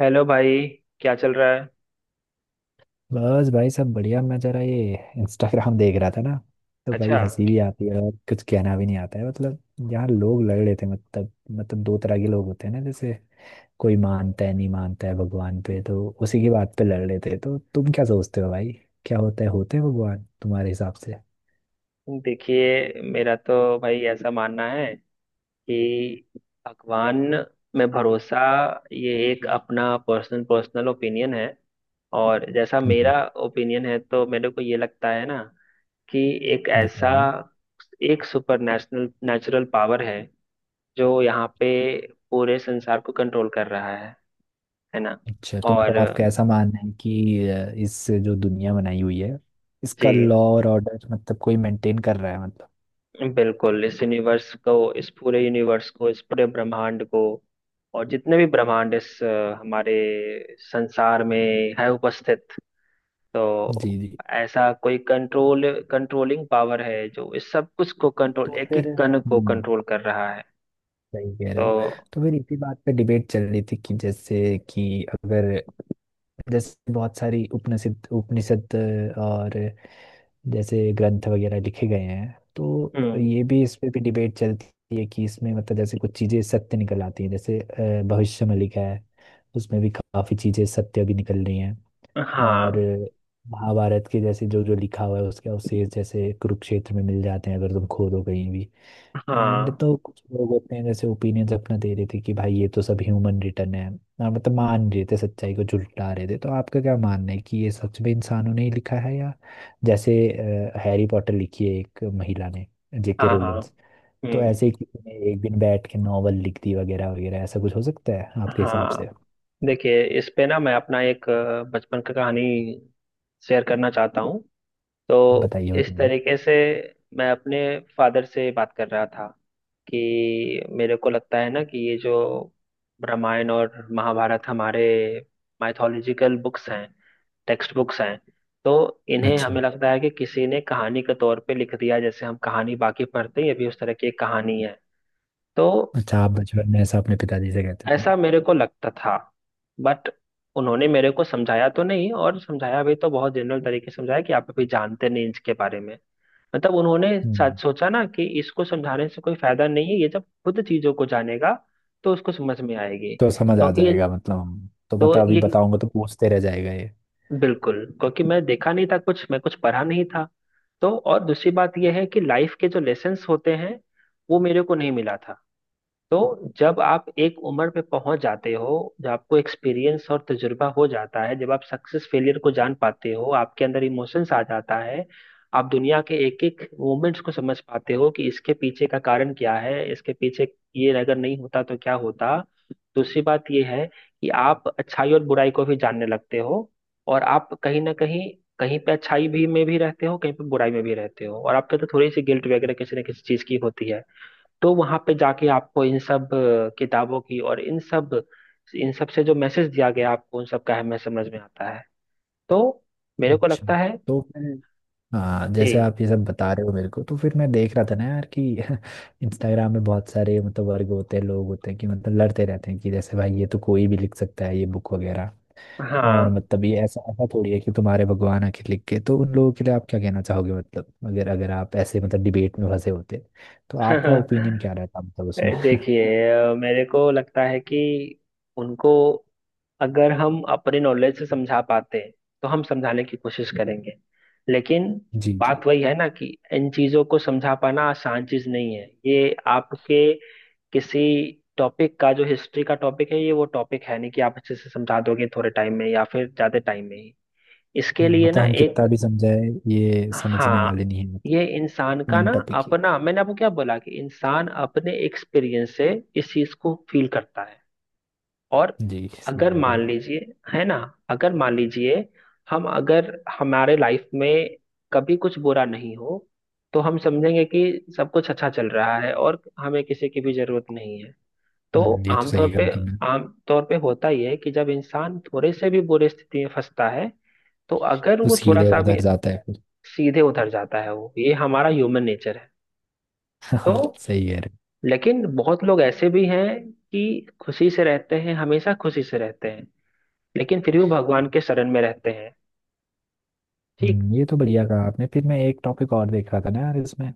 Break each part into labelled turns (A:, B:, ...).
A: Hello भाई। क्या चल रहा है?
B: बस भाई, सब बढ़िया। मैं जरा ये इंस्टाग्राम देख रहा था ना, तो भाई
A: अच्छा।
B: हंसी भी आती है और कुछ कहना भी नहीं आता है, मतलब। यहाँ लोग लड़ रहे थे, मतलब दो तरह के लोग होते हैं ना, जैसे कोई मानता है, नहीं मानता है भगवान पे, तो उसी की बात पे लड़ रहे थे। तो तुम क्या सोचते हो भाई, क्या होता है, होते हैं भगवान तुम्हारे हिसाब से?
A: देखिए मेरा तो भाई ऐसा मानना है कि भगवान में भरोसा, ये एक अपना पर्सनल पर्सनल ओपिनियन है। और जैसा
B: जी
A: मेरा ओपिनियन है तो मेरे को ये लगता है ना कि एक ऐसा
B: बताइए।
A: एक सुपर नेशनल नेचुरल पावर है जो यहाँ पे पूरे संसार को कंट्रोल कर रहा है ना।
B: अच्छा, तो मतलब
A: और
B: आपका ऐसा मानना है कि इस जो दुनिया बनाई हुई है,
A: जी
B: इसका लॉ और ऑर्डर मतलब कोई मेंटेन कर रहा है, मतलब।
A: बिल्कुल। इस पूरे यूनिवर्स को, इस पूरे ब्रह्मांड को और जितने भी ब्रह्मांड हमारे संसार में है उपस्थित। तो
B: जी जी।
A: ऐसा कोई कंट्रोलिंग पावर है जो इस सब कुछ को कंट्रोल,
B: तो
A: एक
B: फिर
A: एक कण को
B: हम्म,
A: कंट्रोल कर रहा है।
B: सही कह रहे हो।
A: तो,
B: तो फिर इसी बात पे डिबेट चल रही थी कि जैसे कि अगर, जैसे बहुत सारी उपनिषद उपनिषद और जैसे ग्रंथ वगैरह लिखे गए हैं, तो
A: हम्म,
B: ये भी, इस पे भी डिबेट चलती है कि इसमें मतलब जैसे कुछ चीजें सत्य निकल आती हैं, जैसे भविष्य में लिखा है उसमें भी काफी चीजें सत्य भी निकल रही हैं। और
A: हाँ,
B: महाभारत के जैसे जो जो लिखा हुआ है, उसका अवशेष जैसे कुरुक्षेत्र में मिल जाते हैं अगर तुम खोदो कहीं भी। एंड
A: हाँ,
B: तो कुछ लोग होते हैं, जैसे ओपिनियंस अपना दे रहे थे कि भाई ये तो सब ह्यूमन रिटर्न है ना, मतलब मान रहे थे, सच्चाई को झुठला रहे थे। तो आपका क्या मानना है कि ये सच में इंसानों ने ही लिखा है, या जैसे हैरी पॉटर लिखी है एक महिला ने, जेके
A: हाँ, हाँ,
B: रोलिंस, तो
A: हम्म,
B: ऐसे ही किसी ने एक दिन बैठ के नॉवल लिख दी वगैरह वगैरह, ऐसा कुछ हो सकता है आपके हिसाब से?
A: हाँ। देखिए इस पे ना मैं अपना एक बचपन का कहानी शेयर करना चाहता हूँ, तो
B: बताइए बताइए।
A: इस
B: हम्म।
A: तरीके से। मैं अपने फादर से बात कर रहा था कि मेरे को लगता है ना कि ये जो रामायण और महाभारत हमारे माइथोलॉजिकल बुक्स हैं, टेक्स्ट बुक्स हैं, तो इन्हें
B: अच्छा।
A: हमें लगता है कि किसी ने कहानी के तौर पे लिख दिया, जैसे हम कहानी बाकी पढ़ते हैं ये भी उस तरह की एक कहानी है। तो
B: अच्छा, आप बचपन में ऐसा अपने पिताजी से कहते थे?
A: ऐसा मेरे को लगता था, बट उन्होंने मेरे को समझाया तो नहीं, और समझाया भी तो बहुत जनरल तरीके से समझाया कि आप अभी जानते नहीं इसके बारे में। मतलब उन्होंने
B: हम्म।
A: सोचा ना कि इसको समझाने से कोई फायदा नहीं है, ये जब खुद चीजों को जानेगा तो उसको समझ में आएगी,
B: तो समझ आ
A: क्योंकि ये।
B: जाएगा, मतलब हम तो,
A: तो
B: मतलब अभी
A: ये,
B: बताऊंगा तो पूछते रह जाएगा ये।
A: बिल्कुल क्योंकि मैं देखा नहीं था कुछ, मैं कुछ पढ़ा नहीं था। तो और दूसरी बात यह है कि लाइफ के जो लेसन्स होते हैं वो मेरे को नहीं मिला था। तो जब आप एक उम्र पे पहुंच जाते हो, जब आपको एक्सपीरियंस और तजुर्बा हो जाता है, जब आप सक्सेस फेलियर को जान पाते हो, आपके अंदर इमोशंस आ जाता है। आप दुनिया के एक एक मोमेंट्स को समझ पाते हो कि इसके पीछे का कारण क्या है, इसके पीछे ये अगर नहीं होता तो क्या होता। दूसरी बात ये है कि आप अच्छाई और बुराई को भी जानने लगते हो, और आप कहीं ना कहीं, कहीं पे अच्छाई भी में भी रहते हो, कहीं पे बुराई में भी रहते हो, और आपके तो थोड़ी सी गिल्ट वगैरह किसी ना किसी चीज की होती है। तो वहां पे जाके आपको इन सब किताबों की, और इन सब से जो मैसेज दिया गया आपको उन सब का अहमियत समझ में आता है। तो मेरे को
B: अच्छा।
A: लगता है।
B: तो फिर हाँ,
A: जी।
B: जैसे आप ये सब बता रहे हो मेरे को, तो फिर मैं देख रहा था ना यार कि इंस्टाग्राम में बहुत सारे मतलब वर्ग होते हैं, लोग होते हैं कि मतलब लड़ते रहते हैं कि जैसे भाई ये तो कोई भी लिख सकता है ये बुक वगैरह, और
A: हाँ।
B: मतलब ये ऐसा ऐसा थोड़ी है कि तुम्हारे भगवान आके लिख के। तो उन लोगों के लिए आप क्या कहना चाहोगे, मतलब अगर अगर आप ऐसे मतलब डिबेट में फंसे होते तो आपका ओपिनियन क्या रहता, मतलब उसमें?
A: देखिए, मेरे को लगता है कि उनको, अगर हम अपने नॉलेज से समझा पाते तो हम समझाने की कोशिश करेंगे। लेकिन
B: जी जी।
A: बात वही है ना कि इन चीजों को समझा पाना आसान चीज नहीं है, ये आपके किसी टॉपिक का, जो हिस्ट्री का टॉपिक है, ये वो टॉपिक है नहीं कि आप अच्छे से समझा दोगे थोड़े टाइम में, या फिर ज्यादा टाइम में ही। इसके लिए
B: मतलब
A: ना
B: हम
A: एक।
B: कितना भी समझाए ये समझने
A: हाँ।
B: वाले नहीं है, मतलब
A: ये इंसान का
B: मेन
A: ना
B: टॉपिक ये।
A: अपना। मैंने आपको क्या बोला कि इंसान अपने एक्सपीरियंस से इस चीज को फील करता है। और
B: जी सही
A: अगर
B: कह रहे
A: मान
B: हो।
A: लीजिए, है ना, अगर मान लीजिए हम, अगर हमारे लाइफ में कभी कुछ बुरा नहीं हो तो हम समझेंगे कि सब कुछ अच्छा चल रहा है और हमें किसी की भी जरूरत नहीं है। तो
B: ये तो
A: आमतौर
B: सही कह
A: पे
B: रहा हूँ।
A: आमतौर पे होता ही है कि जब इंसान थोड़े से भी बुरे स्थिति में फंसता है, तो अगर
B: तो
A: वो थोड़ा
B: सीधे
A: सा भी
B: उधर जाता है फिर।
A: सीधे उधर जाता है, वो, ये हमारा ह्यूमन नेचर है। तो
B: हाँ, सही कह रहे
A: लेकिन बहुत लोग ऐसे भी हैं कि खुशी से रहते हैं, हमेशा खुशी से रहते हैं, लेकिन फिर भी भगवान के शरण में रहते हैं।
B: हो।
A: ठीक।
B: ये तो बढ़िया कहा आपने। फिर मैं एक टॉपिक और देख रहा था ना यार इसमें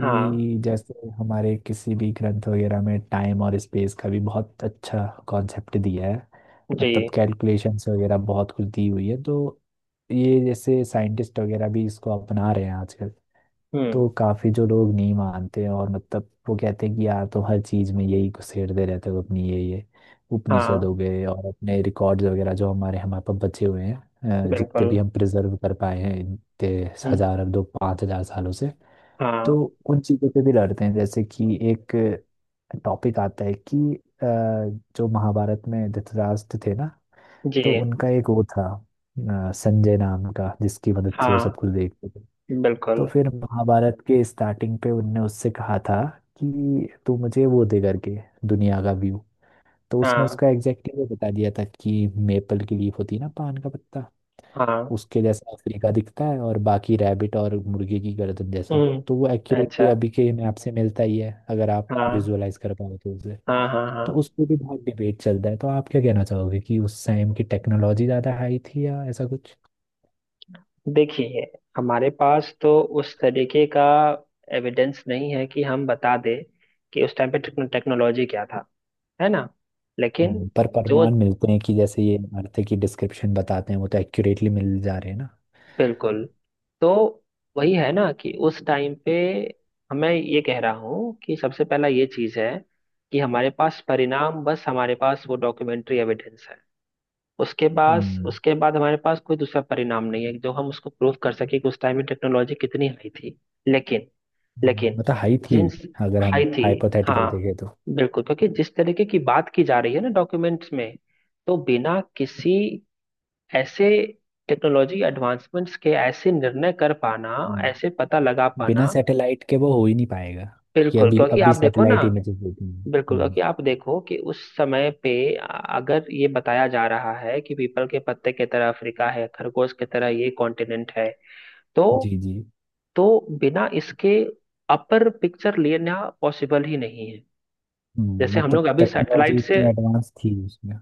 A: हाँ,
B: जैसे हमारे किसी भी ग्रंथ वगैरह में टाइम और स्पेस का भी बहुत अच्छा कॉन्सेप्ट दिया है,
A: जी,
B: मतलब कैलकुलेशंस वगैरह बहुत कुछ दी हुई है। तो ये जैसे साइंटिस्ट वगैरह भी इसको अपना रहे हैं आजकल। तो
A: हम्म,
B: काफी जो लोग नहीं मानते हैं और मतलब वो कहते हैं कि यार तुम हर चीज में यही घुसेड़ते रहते हो अपनी ये उपनिषद
A: हाँ,
B: हो गए और अपने रिकॉर्ड्स वगैरह जो हमारे हमारे पास बचे हुए हैं, जितने
A: बिल्कुल।
B: भी हम प्रिजर्व कर पाए हैं, इतने
A: हम्म,
B: हजार 2-5 हजार सालों से। तो
A: हाँ,
B: उन चीजों पे भी लड़ते हैं, जैसे कि एक टॉपिक आता है कि जो महाभारत में धृतराष्ट्र थे ना,
A: जी,
B: तो उनका एक वो था, संजय नाम का, जिसकी मदद से वो सब
A: हाँ,
B: कुछ देखते थे। तो
A: बिल्कुल।
B: फिर महाभारत के स्टार्टिंग पे उनने उससे कहा था कि तू मुझे वो दे करके दुनिया का व्यू। तो उसने
A: हाँ,
B: उसका एग्जैक्टली वो बता दिया था कि मेपल की लीफ होती है ना, पान का पत्ता,
A: हाँ,
B: उसके जैसा अफ्रीका दिखता है, और बाकी रैबिट और मुर्गे की गर्दन जैसा।
A: हम्म,
B: तो वो एक्यूरेटली
A: अच्छा,
B: अभी के मैप से मिलता ही है, अगर आप
A: हाँ,
B: विजुअलाइज कर पाओ तो उसे।
A: हाँ, हाँ, हाँ।
B: तो उस पर भी बहुत डिबेट चलता है। तो आप क्या कहना चाहोगे कि उस टाइम की टेक्नोलॉजी ज़्यादा हाई थी या ऐसा कुछ?
A: देखिए हमारे पास तो उस तरीके का एविडेंस नहीं है कि हम बता दें कि उस टाइम पे टेक्नोलॉजी क्या था, है ना। लेकिन
B: पर
A: जो
B: प्रमाण मिलते हैं कि जैसे ये इमारतें की डिस्क्रिप्शन बताते हैं वो तो एक्यूरेटली मिल जा रहे हैं ना।
A: बिल्कुल। तो वही है ना कि उस टाइम पे, हमें ये कह रहा हूँ कि सबसे पहला ये चीज़ है कि हमारे पास परिणाम, बस हमारे पास वो डॉक्यूमेंट्री एविडेंस है। उसके बाद
B: हम्म।
A: उसके बाद हमारे पास कोई दूसरा परिणाम नहीं है जो हम उसको प्रूव कर सके कि उस टाइम में टेक्नोलॉजी कितनी हाई थी। लेकिन, लेकिन
B: मतलब हाई थी
A: जींस
B: अगर
A: हाई
B: हम
A: थी।
B: हाइपोथेटिकल
A: हाँ
B: देखें तो।
A: बिल्कुल, क्योंकि जिस तरीके की बात की जा रही है ना डॉक्यूमेंट्स में, तो बिना किसी ऐसे टेक्नोलॉजी एडवांसमेंट्स के ऐसे निर्णय कर पाना, ऐसे
B: हम्म,
A: पता लगा
B: बिना
A: पाना।
B: सैटेलाइट के वो हो ही नहीं पाएगा, क्योंकि
A: बिल्कुल
B: अभी
A: क्योंकि
B: अभी
A: आप देखो ना
B: सैटेलाइट इमेजेस देती हैं।
A: बिल्कुल
B: हम्म।
A: क्योंकि आप देखो कि उस समय पे अगर ये बताया जा रहा है कि पीपल के पत्ते की तरह अफ्रीका है, खरगोश की तरह ये कॉन्टिनेंट है, तो
B: जी जी।
A: तो बिना इसके अपर पिक्चर लेना पॉसिबल ही नहीं है। जैसे हम
B: मतलब
A: लोग अभी
B: टेक्नोलॉजी
A: सैटेलाइट से,
B: इतनी एडवांस थी उसमें।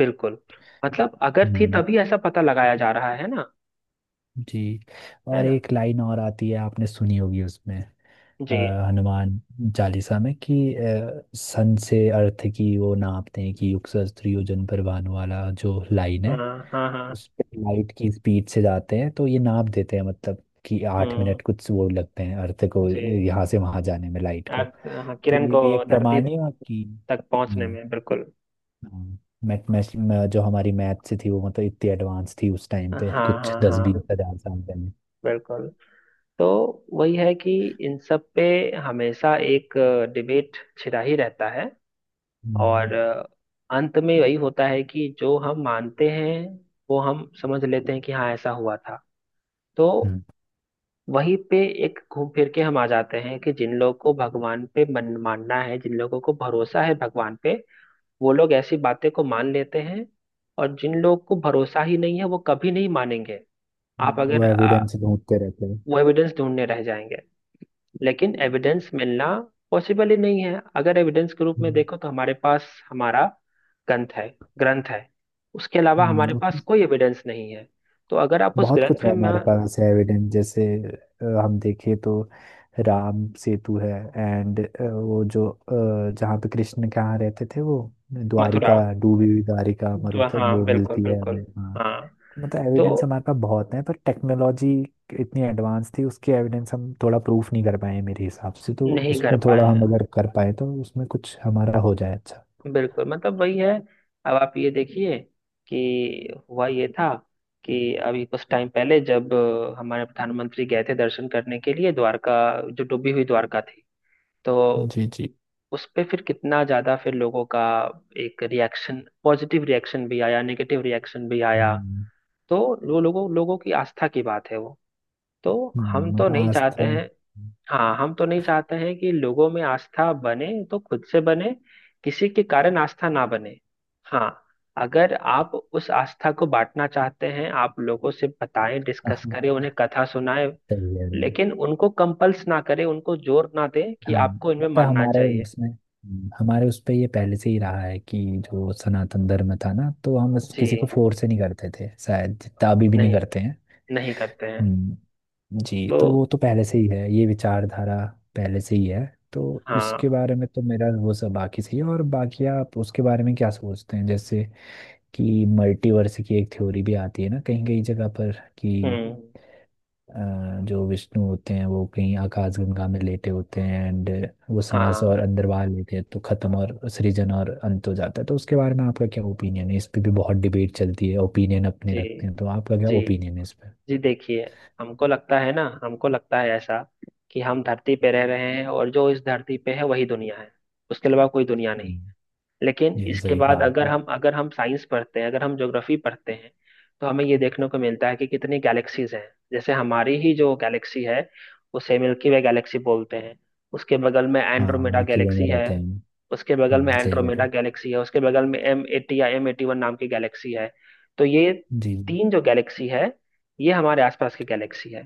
A: बिल्कुल। मतलब अगर थी
B: हम्म।
A: तभी ऐसा पता लगाया जा रहा है ना,
B: जी।
A: है
B: और
A: ना।
B: एक लाइन और आती है, आपने सुनी होगी उसमें, अ,
A: जी,
B: हनुमान चालीसा में, कि सन से अर्थ की वो नापते हैं कि युग सहस्त्र योजन पर भानु, वाला जो लाइन
A: हाँ,
B: है,
A: हाँ, हाँ,
B: उस पे लाइट की स्पीड से जाते हैं तो ये नाप देते हैं, मतलब कि आठ
A: हम्म,
B: मिनट कुछ वो लगते हैं अर्थ को,
A: जी।
B: यहाँ से वहां जाने में लाइट को।
A: अर्थ, हाँ,
B: तो
A: किरण
B: ये
A: को
B: भी एक
A: धरती
B: प्रमाण है कि
A: तक पहुंचने
B: हम्म।
A: में, बिल्कुल।
B: हाँ, मैथ मैथ मैं- जो हमारी मैथ से थी वो, मतलब इतनी एडवांस थी उस टाइम पे,
A: हाँ,
B: कुछ
A: हाँ,
B: दस बीस
A: हाँ,
B: हजार साल पहले।
A: बिल्कुल। तो वही है कि इन सब पे हमेशा एक डिबेट छिड़ा ही रहता है,
B: हम्म।
A: और अंत में वही होता है कि जो हम मानते हैं वो हम समझ लेते हैं कि हाँ ऐसा हुआ था। तो
B: हम्म।
A: वहीं पे, एक घूम फिर के हम आ जाते हैं कि जिन लोगों को भगवान पे मन मानना है, जिन लोगों को भरोसा है भगवान पे, वो लोग ऐसी बातें को मान लेते हैं, और जिन लोगों को भरोसा ही नहीं है वो कभी नहीं मानेंगे। आप
B: वो
A: अगर आ,
B: एविडेंस ढूंढते रहते हैं।
A: वो एविडेंस ढूंढने रह जाएंगे। लेकिन एविडेंस मिलना पॉसिबल ही नहीं है, अगर एविडेंस के रूप में
B: हम्म।
A: देखो तो हमारे पास हमारा ग्रंथ है। ग्रंथ है, उसके अलावा हमारे
B: उसमें
A: पास कोई एविडेंस नहीं है। तो अगर आप उस
B: बहुत कुछ
A: ग्रंथ
B: है,
A: में।
B: हमारे पास है एविडेंस, जैसे हम देखें तो राम सेतु है, एंड वो जो जहाँ पे कृष्ण के यहाँ रहते थे वो,
A: मथुरा।
B: द्वारिका, डूबी हुई द्वारिका,
A: तो
B: मरुथल
A: हाँ,
B: वो
A: बिल्कुल
B: मिलती है हमें,
A: बिल्कुल।
B: हाँ।
A: हाँ।
B: मतलब
A: तो
B: एविडेंस हमारे पास बहुत है, पर टेक्नोलॉजी इतनी एडवांस थी उसके एविडेंस हम थोड़ा प्रूफ नहीं कर पाए हैं मेरे हिसाब से, तो
A: नहीं कर
B: उसमें
A: पाए
B: थोड़ा हम
A: हैं,
B: अगर कर पाए तो उसमें कुछ हमारा हो जाए अच्छा।
A: बिल्कुल, मतलब वही है। अब आप ये देखिए कि हुआ ये था कि अभी कुछ टाइम पहले जब हमारे प्रधानमंत्री गए थे दर्शन करने के लिए द्वारका, जो डूबी हुई द्वारका थी, तो
B: जी जी।
A: उस पे फिर कितना ज्यादा फिर लोगों का एक रिएक्शन, पॉजिटिव रिएक्शन भी आया, नेगेटिव रिएक्शन भी आया।
B: हम्म।
A: तो वो लोगों लोगों की आस्था की बात है, वो तो हम तो
B: मतलब
A: नहीं चाहते
B: आस्था।
A: हैं। हाँ, हम तो नहीं चाहते हैं कि लोगों में आस्था बने तो खुद से बने, किसी के कारण आस्था ना बने। हाँ। अगर आप उस आस्था को बांटना चाहते हैं, आप लोगों से बताएं, डिस्कस करें, उन्हें कथा सुनाएं,
B: सही है।
A: लेकिन उनको कंपल्स ना करें, उनको जोर ना दें कि
B: हाँ,
A: आपको इनमें
B: मतलब
A: मानना
B: हमारे
A: चाहिए।
B: उसमें, हमारे उस पे ये पहले से ही रहा है कि जो सनातन धर्म था ना, तो हम इस- किसी को
A: जी,
B: फोर्स से नहीं करते थे, शायद जितना अभी भी नहीं
A: नहीं,
B: करते हैं।
A: नहीं करते हैं।
B: हम्म। जी,
A: तो,
B: तो वो तो पहले से ही है ये विचारधारा, पहले से ही है। तो इसके
A: हाँ,
B: बारे में तो मेरा वो सब बाकी सही है, और बाकी आप उसके बारे में क्या सोचते हैं, जैसे कि मल्टीवर्स की एक थ्योरी भी आती है ना कहीं कहीं जगह पर, कि
A: हम्म,
B: जो विष्णु होते हैं वो कहीं आकाशगंगा में लेटे होते हैं, एंड वो सांस और
A: हाँ,
B: अंदर बाहर लेते हैं तो खत्म और सृजन और अंत हो जाता है। तो उसके बारे में आपका क्या ओपिनियन है? इस पे भी बहुत डिबेट चलती है, ओपिनियन अपने
A: जी,
B: रखते हैं, तो आपका क्या
A: जी,
B: ओपिनियन है इस पे?
A: जी, देखिए हमको लगता है ना, हमको लगता है ऐसा कि हम धरती पे रह रहे हैं, और जो इस धरती पे है वही दुनिया है, उसके अलावा कोई दुनिया नहीं।
B: हम्म,
A: लेकिन
B: ये तो
A: इसके
B: सही
A: बाद,
B: कहा
A: अगर
B: आपने।
A: हम अगर हम साइंस पढ़ते हैं, अगर हम ज्योग्राफी पढ़ते हैं, तो हमें ये देखने को मिलता है कि कितनी गैलेक्सीज हैं। जैसे हमारी ही जो गैलेक्सी है, उसे मिल्की वे गैलेक्सी बोलते हैं। उसके बगल में
B: हाँ,
A: एंड्रोमेडा
B: मिल्की वे में
A: गैलेक्सी है
B: रहते हैं।
A: उसके बगल में
B: सही कह रहे
A: एंड्रोमेडा
B: हो।
A: गैलेक्सी है। उसके बगल में एम एटी या एम एटी वन नाम की गैलेक्सी है। तो ये
B: जी।
A: तीन जो गैलेक्सी है, ये हमारे आसपास की गैलेक्सी है।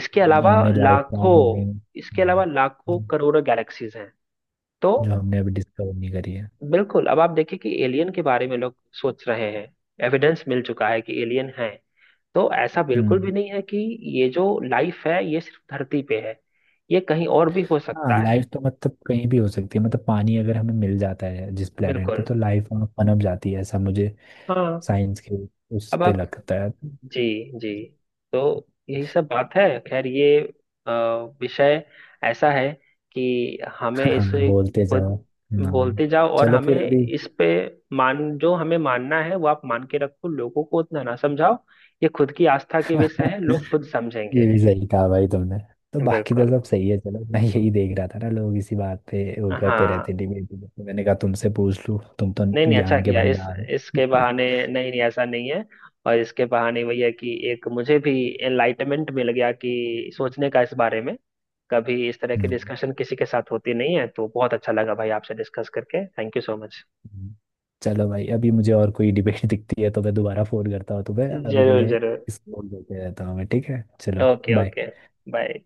A: इसके
B: जी।
A: अलावा
B: इनमें लाइफ फॉर्म
A: लाखों
B: होने,
A: इसके अलावा लाखों करोड़ों गैलेक्सीज हैं। तो
B: जो हमने अभी डिस्कवर नहीं करी है।
A: बिल्कुल, अब आप देखिए कि एलियन के बारे में लोग सोच रहे हैं, एविडेंस मिल चुका है कि एलियन है। तो ऐसा बिल्कुल
B: हम्म।
A: भी नहीं है कि ये जो लाइफ है ये सिर्फ धरती पे है, ये कहीं और भी हो
B: हाँ,
A: सकता है।
B: लाइफ तो मतलब कहीं भी हो सकती है, मतलब पानी अगर हमें मिल जाता है जिस प्लेनेट पे
A: बिल्कुल।
B: तो लाइफ वहाँ पनप जाती है, ऐसा मुझे
A: हाँ।
B: साइंस के उस
A: अब
B: पे
A: आप
B: लगता है।
A: जी, जी। तो यही सब बात है। खैर ये अ, विषय ऐसा है कि हमें
B: हाँ,
A: इसे
B: बोलते जाओ।
A: खुद
B: हाँ।
A: बोलते जाओ, और
B: चलो
A: हमें
B: फिर अभी।
A: इस पे मान जो हमें मानना है वो आप मान के रखो, लोगों को उतना ना समझाओ, ये खुद की आस्था के विषय है, लोग खुद
B: ये
A: समझेंगे।
B: भी सही कहा भाई तुमने। तो बाकी तो
A: बिल्कुल।
B: सब सही है। चलो, मैं यही देख रहा था ना, लोग इसी बात पे वो करते
A: हाँ।
B: रहते डिबेट। मैंने कहा तुमसे पूछ लूँ, तुम तो
A: नहीं, नहीं, अच्छा
B: ज्ञान के
A: किया इस
B: भंडार हो।
A: इसके बहाने, नहीं नहीं, ऐसा नहीं है। और इसके बहाने वही है कि एक मुझे भी एनलाइटमेंट मिल गया कि सोचने का इस बारे में। कभी इस तरह की
B: हम्म।
A: डिस्कशन किसी के साथ होती नहीं है, तो बहुत अच्छा लगा भाई आपसे डिस्कस करके, थैंक यू सो मच।
B: हम्म। चलो भाई, अभी मुझे और कोई डिबेट दिखती है तो मैं दोबारा फोन करता हूँ तुम्हें। अभी के
A: जरूर,
B: लिए
A: जरूर।
B: इसको बोल देते रहता हूँ मैं, ठीक है? चलो,
A: ओके, ओके।
B: बाय।
A: बाय।